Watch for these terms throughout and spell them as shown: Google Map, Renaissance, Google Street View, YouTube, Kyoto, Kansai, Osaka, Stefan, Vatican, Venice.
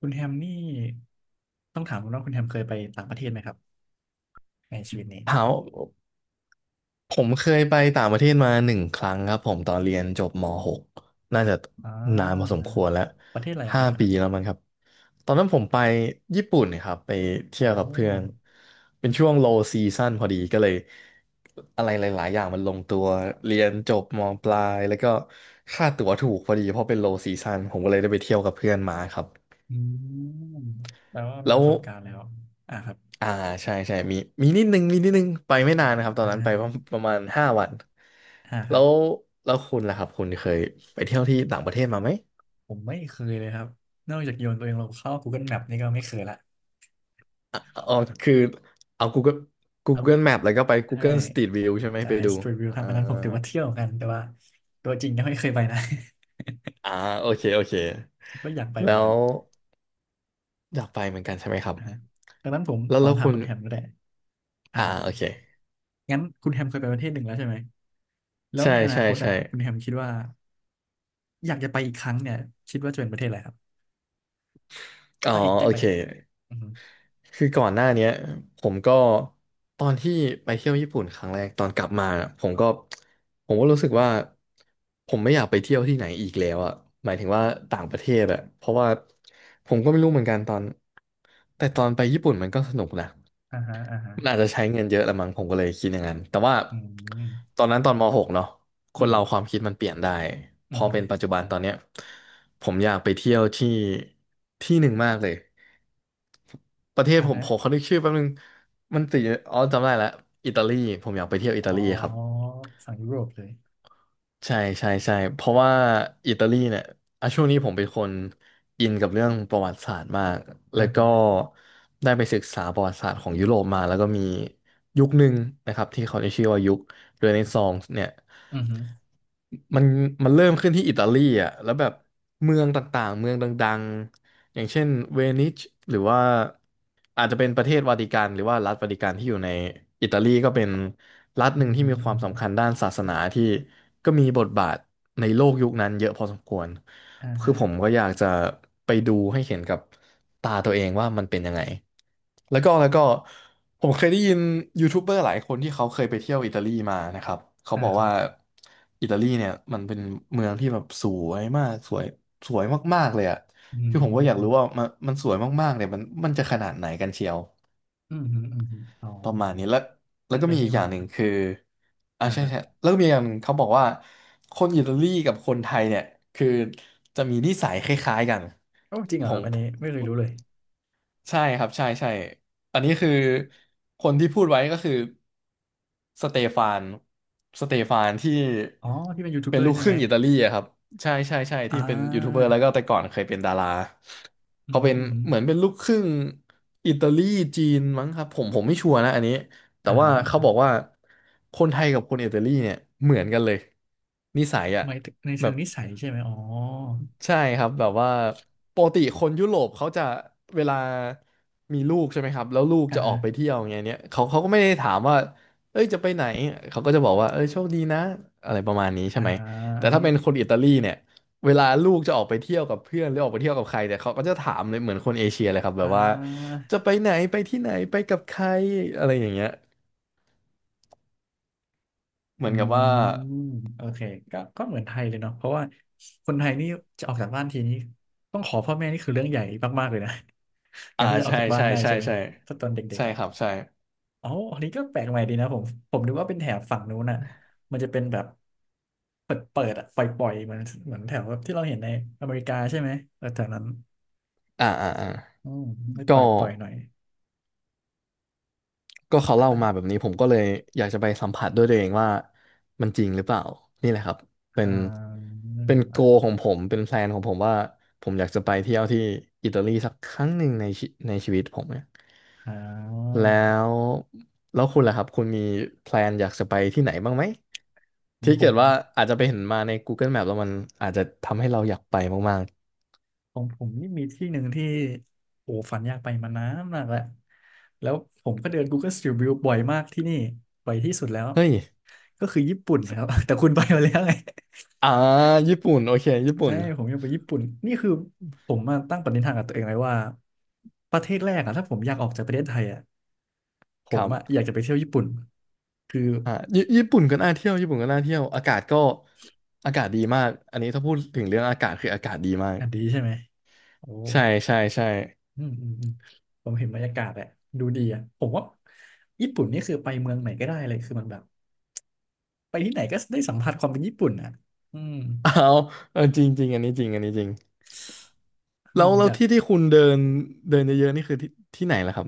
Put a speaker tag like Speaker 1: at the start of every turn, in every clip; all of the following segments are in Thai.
Speaker 1: คุณแฮมนี่ต้องถามคุณว่าคุณแฮมเคยไปต่างประเทศไหมครับในชีวิตนี้
Speaker 2: ถามว่าผมเคยไปต่างประเทศมา1 ครั้งครับผมตอนเรียนจบม .6 น่าจะ
Speaker 1: อ่
Speaker 2: นานพอสม
Speaker 1: า
Speaker 2: ควรแล้ว
Speaker 1: ประเทศอะไรค
Speaker 2: ห้า
Speaker 1: รับอัน
Speaker 2: ปี
Speaker 1: นั้น
Speaker 2: แล้วมั้งครับตอนนั้นผมไปญี่ปุ่นครับไป
Speaker 1: โอ้
Speaker 2: เที่ยวกับเพื่อนเป็นช่วง low season พอดีก็เลยอะไรหลายๆอย่างมันลงตัวเรียนจบมปลายแล้วก็ค่าตั๋วถูกพอดีเพราะเป็น low season ผมก็เลยได้ไปเที่ยวกับเพื่อนมาครับ
Speaker 1: อืมแปลว่ามี
Speaker 2: แล้
Speaker 1: ป
Speaker 2: ว
Speaker 1: ระสบการณ์แล้วอ่าครับ
Speaker 2: อ่าใช่ใช่มีมีนิดนึงมีนิดนึงไปไม่
Speaker 1: อ่
Speaker 2: นานนะครับตอนนั้น
Speaker 1: า
Speaker 2: ไปประมาณ5 วัน
Speaker 1: อ่าค
Speaker 2: แล้
Speaker 1: รับ
Speaker 2: วแล้วคุณล่ะครับคุณเคยไปเที่ยวที่ต่างประเทศมาไหม
Speaker 1: ผมไม่เคยเลยครับนอกจากโยนตัวเองลงเข้า Google Map นี่ก็ไม่เคยละ
Speaker 2: อ่ะอ๋อคือเอา Google
Speaker 1: เอาพูด
Speaker 2: Google Map แล้วก็ไป
Speaker 1: ใช่
Speaker 2: Google Street View ใช่ไหม
Speaker 1: จ่า
Speaker 2: ไป
Speaker 1: ย
Speaker 2: ดู
Speaker 1: Street View ครับ
Speaker 2: อ่า
Speaker 1: อันนั้นผมถือว่าเที่ยวกันแต่ว่าตัวจริงยังไม่เคยไปนะ
Speaker 2: อ่าโอเคโอเค
Speaker 1: ก็อยากไปเห
Speaker 2: แล้
Speaker 1: มือนกั
Speaker 2: ว
Speaker 1: น
Speaker 2: อยากไปเหมือนกันใช่ไหมครับ
Speaker 1: อ่าดังนั้นผม
Speaker 2: แล้
Speaker 1: ข
Speaker 2: ว
Speaker 1: อ
Speaker 2: แล้ว
Speaker 1: ถาม
Speaker 2: คุณ
Speaker 1: คุณแฮมก็ได้ครั
Speaker 2: อ่า
Speaker 1: บ
Speaker 2: โอเค
Speaker 1: งั้นคุณแฮมเคยไปประเทศหนึ่งแล้วใช่ไหมแล้ว
Speaker 2: ใช่
Speaker 1: ในอนา
Speaker 2: ใช่
Speaker 1: คตอ่ะ
Speaker 2: ใช่
Speaker 1: คุณแฮมคิดว่าอยากจะไปอีกครั้งเนี่ยคิดว่าจะเป็นประเทศอะไรครับ
Speaker 2: อ๋อ
Speaker 1: ถ้าอีกได้
Speaker 2: โอ
Speaker 1: ไป
Speaker 2: เค
Speaker 1: อีกอือฮึ
Speaker 2: คือก่อนหน้าเนี้ยผมก็ตอนที่ไปเที่ยวญี่ปุ่นครั้งแรกตอนกลับมาน่ะผมก็รู้สึกว่าผมไม่อยากไปเที่ยวที่ไหนอีกแล้วอ่ะหมายถึงว่าต่างประเทศอ่ะเพราะว่าผมก็ไม่รู้เหมือนกันตอนแต่ตอนไปญี่ปุ่นมันก็สนุกนะ
Speaker 1: อ่าฮะอ่าฮะ
Speaker 2: มันอาจจะใช้เงินเยอะละมั้งผมก็เลยคิดอย่างนั้นแต่ว่า
Speaker 1: อืม
Speaker 2: ตอนนั้นตอนม .6 เนาะค
Speaker 1: อื
Speaker 2: น
Speaker 1: ม
Speaker 2: เราความคิดมันเปลี่ยนได้พ
Speaker 1: อือ
Speaker 2: อ
Speaker 1: ฮึ
Speaker 2: เป็นปัจจุบันตอนเนี้ยผมอยากไปเที่ยวที่ที่หนึ่งมากเลย ประเทศ
Speaker 1: อ่า
Speaker 2: ผม
Speaker 1: ฮะ
Speaker 2: ผมขอนึกชื่อแป๊บนึงมันติดอยู่อ๋อจำได้แล้วอิตาลีผมอยากไปเที่ยวอิตา
Speaker 1: อ๋อ
Speaker 2: ลีครับ
Speaker 1: ฝั่งยุโรปเลย
Speaker 2: ใช่ใช่ใช่เพราะว่าอิตาลีเนี่ยอ่ะช่วงนี้ผมเป็นคนอินกับเรื่องประวัติศาสตร์มากแล้
Speaker 1: อ่า
Speaker 2: วก็
Speaker 1: ฮะ
Speaker 2: ได้ไปศึกษาประวัติศาสตร์ของยุโรปมาแล้วก็มียุคหนึ่งนะครับที่เขาได้ชื่อว่ายุคเรเนซองส์เนี่ย
Speaker 1: อือฮึ
Speaker 2: มันมันเริ่มขึ้นที่อิตาลีอ่ะแล้วแบบเมืองต่างๆเมืองดัง อย่างเช่นเวนิชหรือว่าอาจจะเป็นประเทศวาติกันหรือว่ารัฐวาติกันที่อยู่ในอิตาลีก็เป็นรัฐห
Speaker 1: อื
Speaker 2: นึ่ง
Speaker 1: อ
Speaker 2: ที่
Speaker 1: ฮึ
Speaker 2: มีค
Speaker 1: อื
Speaker 2: วา
Speaker 1: อ
Speaker 2: ม
Speaker 1: ฮึ
Speaker 2: สำคัญด้านศาสนาที่ก็มีบทบาทในโลกยุคนั้นเยอะพอสมควร
Speaker 1: อ่า
Speaker 2: คื
Speaker 1: ฮะ
Speaker 2: อผมก็อยากจะไปดูให้เห็นกับตาตัวเองว่ามันเป็นยังไงแล้วก็ผมเคยได้ยินยูทูบเบอร์หลายคนที่เขาเคยไปเที่ยวอิตาลีมานะครับเขา
Speaker 1: อ่า
Speaker 2: บอก
Speaker 1: ครับ
Speaker 2: ว่าอิตาลีเนี่ยมันเป็นเมืองที่แบบสวยมากสวยสวยมากๆเลยอะ
Speaker 1: อื
Speaker 2: คือผมก็อยากรู้ว่า
Speaker 1: ม
Speaker 2: มันสวยมากๆเนี่ยมันจะขนาดไหนกันเชียว
Speaker 1: อืมอฮึอืมอ๋อ
Speaker 2: ประมาณนี้แล้วแล้
Speaker 1: นั่
Speaker 2: ว
Speaker 1: นก็
Speaker 2: ก็
Speaker 1: เล
Speaker 2: มี
Speaker 1: ย
Speaker 2: อี
Speaker 1: ที่
Speaker 2: กอ
Speaker 1: มา
Speaker 2: ย่างหนึ่งคืออ่า
Speaker 1: อ่า
Speaker 2: ใช่
Speaker 1: ครับ
Speaker 2: ใช่แล้วก็มีอย่างหนึ่งเขาบอกว่าคนอิตาลีกับคนไทยเนี่ยคือจะมีนิสัยคล้ายๆกัน
Speaker 1: โอ้จริงเหร
Speaker 2: ผ
Speaker 1: อครับ
Speaker 2: ม
Speaker 1: อันนี้ไม่เคยรู้เลย
Speaker 2: ใช่ครับใช่ใช่อันนี้คือคนที่พูดไว้ก็คือสเตฟานสเตฟานที่
Speaker 1: อ๋อที่เป็นยูทูบ
Speaker 2: เป็
Speaker 1: เบ
Speaker 2: น
Speaker 1: อ
Speaker 2: ลู
Speaker 1: ร์
Speaker 2: ก
Speaker 1: ใช่
Speaker 2: ค
Speaker 1: ไหม
Speaker 2: รึ่งอิตาลีอะครับใช่ใช่ใช่
Speaker 1: อ่
Speaker 2: ที่เป็นยูทูบเบอ
Speaker 1: า
Speaker 2: ร์แล้วก็แต่ก่อนเคยเป็นดารา
Speaker 1: อืมอ
Speaker 2: เขา
Speaker 1: ฮึ
Speaker 2: เป็น
Speaker 1: อืมอฮึ
Speaker 2: เหมือนเป็นลูกครึ่งอิตาลีจีนมั้งครับผมไม่ชัวร์นะอันนี้ แต่
Speaker 1: อ่าฮะ
Speaker 2: ว่าเขาบอกว่าคนไทยกับคนอิตาลีเนี่ยเหมือนกันเลยนิสัยอ่ะ
Speaker 1: หมายถึงใน
Speaker 2: แบ
Speaker 1: เชิง
Speaker 2: บ
Speaker 1: นิสัยใช่ไหมอ๋อ
Speaker 2: ใช่ครับแบบว่าปกติคนยุโรปเขาจะเวลามีลูกใช่ไหมครับแล้วลูก
Speaker 1: อ่า
Speaker 2: จะออ
Speaker 1: ฮะ
Speaker 2: กไปเที่ยวอย่างเงี้ยเนี่ยเขาก็ไม่ได้ถามว่าเอ้ยจะไปไหนเขาก็จะบอกว่าเอ้ยโชคดีนะอะไรประมาณนี้ใช่
Speaker 1: อ่า
Speaker 2: ไหมแต่
Speaker 1: ฮึ
Speaker 2: ถ้าเป็นคนอิตาลีเนี่ยเวลาลูกจะออกไปเที่ยวกับเพื่อนหรือออกไปเที่ยวกับใครเนี่ยเขาก็จะถามเลยเหมือนคนเอเชียเลยครับแบ
Speaker 1: อ่
Speaker 2: บว่า
Speaker 1: า
Speaker 2: จะไปไหนไปที่ไหนไปกับใครอะไรอย่างเงี้ย เหมือ
Speaker 1: อื
Speaker 2: นกับว่า
Speaker 1: มโอเคก็ก็เหมือนไทยเลยเนาะเพราะว่าคนไทยนี่จะออกจากบ้านทีนี้ต้องขอพ่อแม่นี่คือเรื่องใหญ่มากๆเลยนะ กา
Speaker 2: อ่า
Speaker 1: รที่จะออก
Speaker 2: ใช่
Speaker 1: จากบ้าน
Speaker 2: ใช่
Speaker 1: ได้
Speaker 2: ใช่
Speaker 1: ใช่ไหม
Speaker 2: ใช่
Speaker 1: ถ้าตอนเด็ก
Speaker 2: ใช่
Speaker 1: ๆอ่ะ
Speaker 2: ครับ ใช่
Speaker 1: อ๋ออันนี้ก็แปลกใหม่ดีนะผมผมนึกว่าเป็นแถบฝั่งนู้นอ่ะมันจะเป็นแบบเปิดอ่ะปล่อยๆเหมือนแถวแบบที่เราเห็นในอเมริกาใช่ไหมเออแถวนั้น
Speaker 2: อ่าอ่าอ่า
Speaker 1: อืมไม่ป
Speaker 2: ก็
Speaker 1: ล่อยปล่อยหน่อย
Speaker 2: ก็เขาเล่ามาแบบนี้ ผมก็เลยอยากจะไปสัมผัสด้วยตัวเองว่า มันจริงหรือเปล่า นี่แหละครับ เป็
Speaker 1: อ่
Speaker 2: น
Speaker 1: า
Speaker 2: เป็นโกของผม เป็นแพลนของผมว่า ผมอยากจะไปเที่ยวที่ อิตาลีสักครั้งหนึ่งในวิตผมเนี่ย
Speaker 1: อ่า
Speaker 2: แล้ว แล้วคุณล่ะครับ คุณมีแพลนอยากจะไปที่ไหนบ้างไหม
Speaker 1: ของ
Speaker 2: ที่
Speaker 1: ผ
Speaker 2: เกิ
Speaker 1: ม
Speaker 2: ดว่าอาจจะไปเห็นมาใน Google Map แล้วมันอาจจะทำให้เราอยากไปมาก
Speaker 1: ของผมนี่มีที่หนึ่งที่โอ้ฝันอยากไปมานานมากแล้วแล้วผมก็เดิน Google Street View บ่อยมากที่นี่บ่อยที่สุดแล้ว
Speaker 2: ๆเฮ้ย
Speaker 1: ก็คือญี่ปุ่นนะครับ แต่คุณไปมาแล้วไง
Speaker 2: อ่าญี่ปุ่นโอเคญี่ ปุ่
Speaker 1: ใช่
Speaker 2: น
Speaker 1: ผมอยังไปญี่ปุ่นนี่คือผมมาตั้งปณิธานกับตัวเองไว้ว่าประเทศแรกอะถ้าผมอยากออกจากประเทศไทยอะผ
Speaker 2: ค
Speaker 1: ม
Speaker 2: รั
Speaker 1: อะอ
Speaker 2: บ
Speaker 1: ยากจะไปเที่ยวญี่ปุ่นคือ
Speaker 2: อ่าญี่ปุ่นก็น่าเที่ยวญี่ปุ่นก็น่าเที่ยวอากาศก็อากาศดีมากอันนี้ถ้าพูดถึงเรื่องอากาศคืออากาศดีมาก
Speaker 1: อันดีใช่ไหมโอ้
Speaker 2: ใช่ใช่ใช่
Speaker 1: อืมอืมอืมผมเห็นบรรยากาศแหละดูดีอ่ะผมว่าญี่ปุ่นนี่คือไปเมืองไหนก็ได้เลยคือมันแบบ ไปที่ไหนก็ได้สัมผัสความเป็นญี่ปุ่นอ่ะอืม
Speaker 2: เอาเอาจริงจริงอันนี้จริงอันนี้จริง
Speaker 1: เออ
Speaker 2: แล้ว
Speaker 1: ผม
Speaker 2: แล้
Speaker 1: อ
Speaker 2: ว
Speaker 1: ยาก
Speaker 2: ที่ที่คุณเดินเดินเยอะๆนี่คือที่ไหนล่ะครับ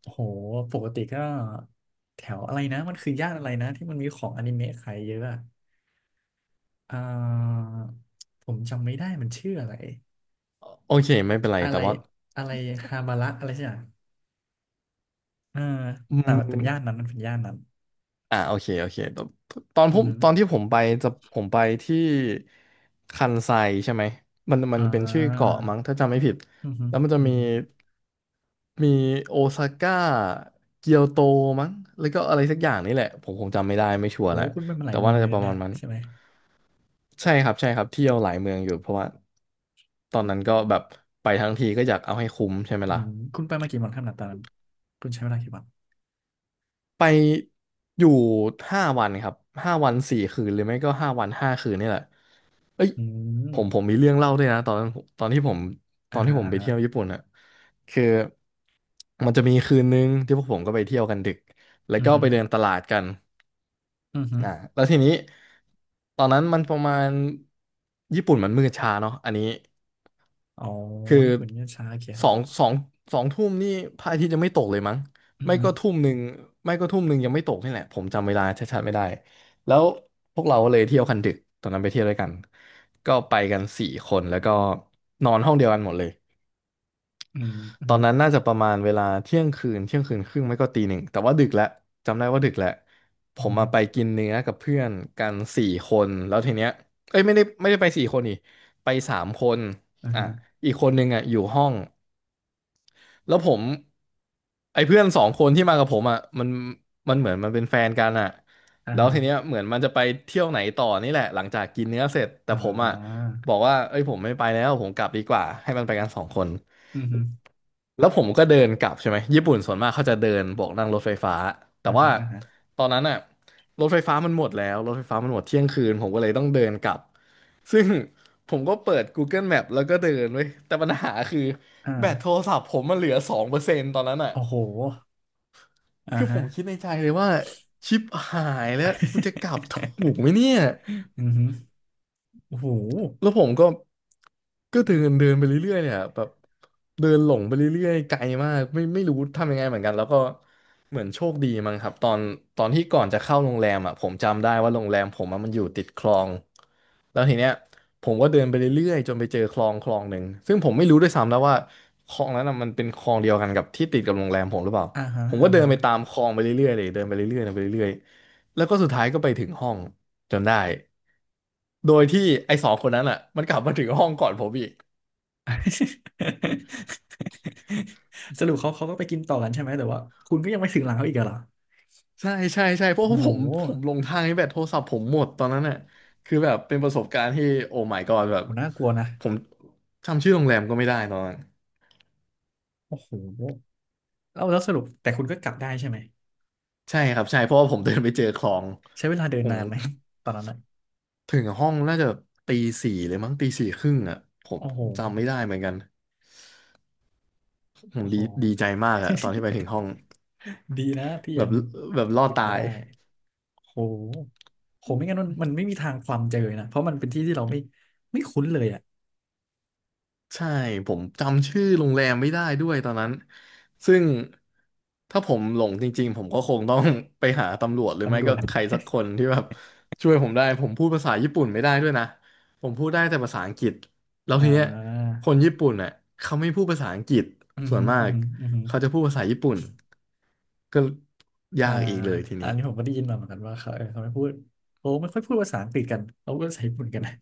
Speaker 1: โอ้โหปกติก็แถวอะไรนะมันคือย่านอะไรนะที่มันมีของอนิเมะขายเยอะอะอ่าผมจำไม่ได้มันชื่ออะไร
Speaker 2: โอเคไม่เป็นไร
Speaker 1: อะ
Speaker 2: แต่
Speaker 1: ไร
Speaker 2: ว่า
Speaker 1: อะไรฮาบาระอะไรใช่ไหมอ่า
Speaker 2: อื
Speaker 1: แต่
Speaker 2: ม
Speaker 1: มันเป็นย่านนั้น
Speaker 2: โอเคโอเค
Speaker 1: อือฮึ
Speaker 2: ตอนที่ผมไปผมไปที่คันไซใช่ไหมมันมั
Speaker 1: อ่
Speaker 2: นเป็นชื่อ
Speaker 1: า
Speaker 2: เกาะมั้งถ้าจำไม่ผิด
Speaker 1: อือฮึ
Speaker 2: แล้วมันจะ
Speaker 1: อือ
Speaker 2: มี
Speaker 1: ฮึ
Speaker 2: มีโอซาก้าเกียวโตมั้งแล้วก็อะไรสักอย่างนี่แหละผมคงจำไม่ได้ไม่ชัว
Speaker 1: โห
Speaker 2: ร์แหละ
Speaker 1: คุณไปมาหลา
Speaker 2: แต่
Speaker 1: ยเมื
Speaker 2: ว่า
Speaker 1: อง
Speaker 2: น่า
Speaker 1: เลย
Speaker 2: จะป
Speaker 1: นะ
Speaker 2: ระ
Speaker 1: เนี่
Speaker 2: มา
Speaker 1: ย
Speaker 2: ณนั้น
Speaker 1: ใช่ไหม
Speaker 2: ใช่ครับใช่ครับเที่ยวหลายเมืองอยู่เพราะว่าตอนนั้นก็แบบไปทั้งทีก็อยากเอาให้คุ้มใช่ไหม
Speaker 1: อื
Speaker 2: ล่ะ
Speaker 1: มคุณไปมากี่วันครับหนาตอนนั้นคุณใช้เวลากี่วัน
Speaker 2: ไปอยู่5 วันครับห้าวัน4 คืนหรือไม่ก็ห้าวัน5 คืนนี่แหละเอ้ย
Speaker 1: อื
Speaker 2: ผมผ
Speaker 1: ม
Speaker 2: มมีเรื่องเล่าด้วยนะตอนนั้นตอนที่ผมตอ
Speaker 1: อ่า
Speaker 2: นที่
Speaker 1: ฮะ
Speaker 2: ผม
Speaker 1: อ่า
Speaker 2: ไปเที่ยวญี่
Speaker 1: ฮะ
Speaker 2: ปุ่นอะคือมันจะมีคืนนึงที่พวกผมก็ไปเที่ยวกันดึกแล้ว
Speaker 1: อือ
Speaker 2: ก็
Speaker 1: ฮึ
Speaker 2: ไปเดินตลาดกัน
Speaker 1: อือฮึ
Speaker 2: อ่าแล้วทีนี้ตอนนั้นมันประมาณญี่ปุ่นมันมืดช้าเนาะอันนี้
Speaker 1: อ๋อ
Speaker 2: คือ
Speaker 1: ญี่ปุ่นเนี่ยช้าโอเคค
Speaker 2: ส
Speaker 1: รั
Speaker 2: อง
Speaker 1: บ
Speaker 2: สองสองทุ่มนี่พระอาทิตย์ยังไม่ตกเลยมั้ง
Speaker 1: อือ
Speaker 2: ไม่
Speaker 1: หือ
Speaker 2: ก็ทุ่มหนึ่งไม่ก็ทุ่มหนึ่งยังไม่ตกนี่แหละผมจำเวลาชัดๆไม่ได้แล้วพวกเราก็เลยเที่ยวคันดึกตอนนั้นไปเที่ยวด้วยกันก็ไปกันสี่คนแล้วก็นอนห้องเดียวกันหมดเลย
Speaker 1: อืมอือ
Speaker 2: ตอ
Speaker 1: หื
Speaker 2: น
Speaker 1: อ
Speaker 2: นั้นน่าจะประมาณเวลาเที่ยงคืนเที่ยงคืนครึ่งไม่ก็ตีหนึ่งแต่ว่าดึกแล้วจำได้ว่าดึกแล้วผ
Speaker 1: อือ
Speaker 2: ม
Speaker 1: หือ
Speaker 2: มาไปกินเนื้อกับเพื่อนกันสี่คนแล้วทีเนี้ยเอ้ยไม่ได้ไปสี่คนนี่ไป3 คน
Speaker 1: อ่า
Speaker 2: อ่ะ
Speaker 1: ฮะ
Speaker 2: อีกคนนึงอ่ะอยู่ห้อง แล้วผมไอ้เพื่อนสองคนที่มากับผมอ่ะมันเหมือนมันเป็นแฟนกันอ่ะ
Speaker 1: อ่า
Speaker 2: แล้ว
Speaker 1: ฮะ
Speaker 2: ทีเนี้ยเหมือนมันจะไปเที่ยวไหนต่อนี่แหละหลังจากกินเนื้อเสร็จแต่
Speaker 1: อ่
Speaker 2: ผมอ่ะ
Speaker 1: า
Speaker 2: บอกว่าเอ้ยผมไม่ไปแล้วผมกลับดีกว่าให้มันไปกันสองคน
Speaker 1: อือหือ
Speaker 2: แล้วผมก็เดินกลับใช่ไหมญี่ปุ่นส่วนมากเขาจะเดินโบกนั่งรถไฟฟ้าแต่
Speaker 1: อ่า
Speaker 2: ว่า
Speaker 1: ฮะอ่าฮะ
Speaker 2: ตอนนั้นอ่ะรถไฟฟ้ามันหมดเที่ยงคืนผมก็เลยต้องเดินกลับ ซึ่ง ผมก็เปิด Google Map แล้วก็เดินเว้ยแต่ปัญหาคือแบตโท
Speaker 1: อ่า
Speaker 2: รศัพท์ผมมันเหลือ2%ตอนนั้นอ่ะ
Speaker 1: โอ้โหอ่า
Speaker 2: คือผ
Speaker 1: ฮะ
Speaker 2: มคิดในใจเลยว่าชิปหายแล้วกูจะกลับถูก ไหมเนี่ย
Speaker 1: อือหือโอ้โห
Speaker 2: แล้วผมก็เดินเดินไปเรื่อยๆเนี่ยแบบเดินหลงไปเรื่อยๆไกลมากไม่รู้ทำยังไงเหมือนกันแล้วก็เหมือนโชคดีมั้งครับตอนที่ก่อนจะเข้าโรงแรมอ่ะผมจำได้ว่าโรงแรมผมอะมันอยู่ติดคลองแล้วทีเนี้ยผมก็เดินไปเรื่อยๆจนไปเจอคลองคลองหนึ่งซึ่งผมไม่รู้ด้วยซ้ำแล้วว่าคลองนั้นอ่ะมันเป็นคลองเดียวกันกับที่ติดกับโรงแรมผมหรือเปล่า
Speaker 1: อ่าฮะ
Speaker 2: ผมก็
Speaker 1: อ่า
Speaker 2: เดิ
Speaker 1: ฮะ
Speaker 2: นไปตามคลองไปเรื่อยๆเลยเดินไปเรื่อยๆเดินไปเรื่อยๆแล้วก็สุดท้ายก็ไปถึงห้องจนได้ โดยที่ไอ้สองคนนั้นอ่ะมันกลับมาถึงห้องก่อนผมอีก
Speaker 1: สรุปเขาก็ไปกินต่อกันใช่ไหมแต่ว่าคุณก็ยังไม่ถึงหลังเขาอีกเหรอ
Speaker 2: ใช่ใช่ใช่เพราะ
Speaker 1: โอ้
Speaker 2: ว่า
Speaker 1: โ
Speaker 2: ผม
Speaker 1: ห
Speaker 2: ผมลงทางให้แบตโทรศัพท์ผมหมดตอนนั้นน่ะคือแบบเป็นประสบการณ์ที่โอ้ my god แบบ
Speaker 1: โหน่ากลัวนะ
Speaker 2: ผมจำชื่อโรงแรมก็ไม่ได้ตอนนั้น
Speaker 1: โอ้โหแล้วสรุปแต่คุณก็กลับได้ใช่ไหม
Speaker 2: ใช่ครับใช่เพราะว่าผมเดินไปเจอคลอง
Speaker 1: ใช้เวลาเดิน
Speaker 2: ผม
Speaker 1: นานไหมตอนนั้นอ่ะ
Speaker 2: ถึงห้องน่าจะตีสี่เลยมั้งตีสี่ครึ่งอ่ะผม
Speaker 1: โอ้โห
Speaker 2: จำไม่ได้เหมือนกันผม
Speaker 1: โอ้โห
Speaker 2: ดีใจมากอะตอนที่ไปถึงห้อง
Speaker 1: ดีนะที่
Speaker 2: แบ
Speaker 1: ยั
Speaker 2: บ
Speaker 1: ง
Speaker 2: แบบรอด
Speaker 1: ฝึก
Speaker 2: ตา
Speaker 1: มา
Speaker 2: ย
Speaker 1: ได้โหโหไม่งั้นมันไม่มีทางความเจอนะเพราะมันเป็นที่ที่เราไม่คุ้นเลยอะ
Speaker 2: ใช่ผมจำชื่อโรงแรมไม่ได้ด้วยตอนนั้นซึ่งถ้าผมหลงจริงๆผมก็คงต้อง ไปหาตำรวจหรือไม่
Speaker 1: ตำรว
Speaker 2: ก็
Speaker 1: จ
Speaker 2: ใครสักคนที่แบบช่วยผมได้ผมพูดภาษาญี่ปุ่นไม่ได้ด้วยนะผมพูดได้แต่ภาษาอังกฤษแล้ว
Speaker 1: อ่
Speaker 2: ทีเนี้ย
Speaker 1: า
Speaker 2: คนญี่ปุ่นเน่ะเขาไม่พูดภาษาอังกฤษ
Speaker 1: อือ
Speaker 2: ส่ว
Speaker 1: หื
Speaker 2: น
Speaker 1: อ
Speaker 2: มา
Speaker 1: อือ
Speaker 2: ก
Speaker 1: หืออือหือ
Speaker 2: เขาจะพูดภาษาญี่ปุ่นก็ยา
Speaker 1: อ่า
Speaker 2: กอีกเลยที
Speaker 1: อั
Speaker 2: นี้
Speaker 1: นนี้ผมก็ได้ยินมาเหมือนกันว่าเขาเออเขาไม่พูดโอ้ไม่ค่อยพูดภาษาอังกฤษกันเขาก็ใช้ญี่ปุ่นกันนะ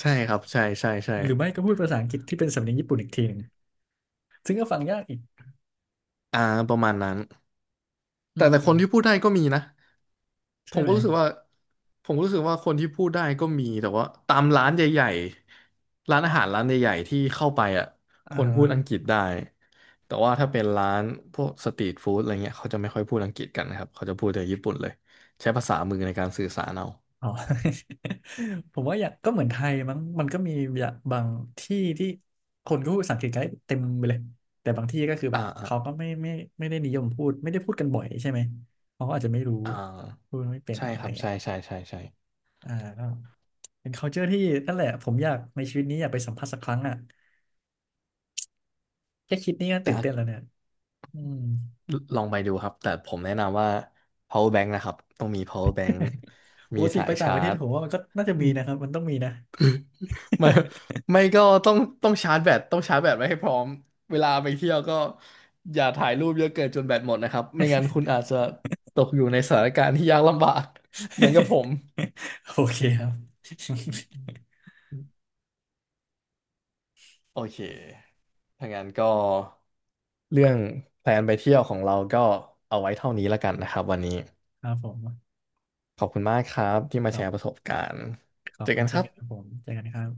Speaker 2: ใช่ครับใช่ใช่ใช่
Speaker 1: หรือไม่ก็พูดภาษาอังกฤษที่เป็นสำเนียงญี่ปุ่นอีกทีหนึ่งซึ่งก็ฟังยากอีก
Speaker 2: อ่าประมาณนั้น
Speaker 1: อื
Speaker 2: แต่
Speaker 1: ม
Speaker 2: แต่คนที่พูดได้ก็มีนะ ผ
Speaker 1: ใช่
Speaker 2: ม
Speaker 1: ไห
Speaker 2: ก็
Speaker 1: ม
Speaker 2: รู้สึกว่าผมก็รู้สึกว่าคนที่พูดได้ก็มีแต่ว่าตามร้านใหญ่ๆร้านอาหารร้านใหญ่ๆที่เข้าไปอ่ะ
Speaker 1: อ่า
Speaker 2: คน
Speaker 1: ฮะ
Speaker 2: พูดอังกฤษได้แต่ว่าถ้าเป็นร้านพวกสตรีทฟู้ดอะไรเงี้ยเขาจะไม่ค่อยพูดอังกฤษกันนะครับเขาจะพูดแต่ญี่ปุ่นเลยใช้ภาษามือในการสื่อสารเอา
Speaker 1: อ๋อ ผมว่าอย่างก็เหมือนไทยมั้งมันก็มีอย่างบางที่ที่คนก็พูดภาษาอังกฤษกันได้เต็มไปเลยแต่บางที่ก็คือแบ
Speaker 2: อ่า
Speaker 1: บ
Speaker 2: อ่า
Speaker 1: เขาก็ไม่ไม่ได้นิยมพูดไม่ได้พูดกันบ่อยใช่ไหมเขาก็อาจจะไม่รู้
Speaker 2: อ่า
Speaker 1: พูดไม่เป็น
Speaker 2: ใช่
Speaker 1: อะ
Speaker 2: ค
Speaker 1: ไรอ
Speaker 2: รับ
Speaker 1: ย่างเงี้
Speaker 2: ใช่
Speaker 1: ย
Speaker 2: ใช่ใช่ใช่
Speaker 1: อ่าก็เป็น culture ที่นั่นแหละผมอยากในชีวิตนี้อยากไปสัมผัสสักครั้งอ่ะแค่คิดนี่ก็
Speaker 2: แต่
Speaker 1: ตื่น
Speaker 2: อ่ะ
Speaker 1: เต้นแล้วเนี่ยอืม
Speaker 2: ลองไปดูครับแต่ผมแนะนำว่า power bank นะครับต้องมี power bank
Speaker 1: ป
Speaker 2: มี
Speaker 1: กติ
Speaker 2: สา
Speaker 1: ไป
Speaker 2: ย
Speaker 1: ต่าง
Speaker 2: ชา
Speaker 1: ประเทศ
Speaker 2: ร์จ
Speaker 1: ผมว่ามันก็น่าจะมีนะครับมันต้องมีนะ
Speaker 2: ไม่ไม่ก็ต้องชาร์จแบตต้องชาร์จแบตไว้ให้พร้อมเวลาไปเที่ยวก็อย่าถ่ายรูปเยอะเกินจนแบตหมดนะครับไม่งั้นคุณอาจจะตกอยู่ในสถานการณ์ที่ยากลำบาก เหมือนกับผม
Speaker 1: โอเคครับ
Speaker 2: โอเคถ้างั้นก็เรื่องแพลนไปเที่ยวของเราก็เอาไว้เท่านี้ละกันนะครับวันนี้
Speaker 1: ครับผม
Speaker 2: ขอบคุณมากครับที่มา
Speaker 1: ขอ
Speaker 2: แช
Speaker 1: บ
Speaker 2: ร์ประสบการณ์
Speaker 1: ขอ
Speaker 2: เจ
Speaker 1: บ
Speaker 2: อ
Speaker 1: คุ
Speaker 2: กั
Speaker 1: ณ
Speaker 2: นค
Speaker 1: เช่น
Speaker 2: รับ
Speaker 1: กันครับผมเจอกันครับ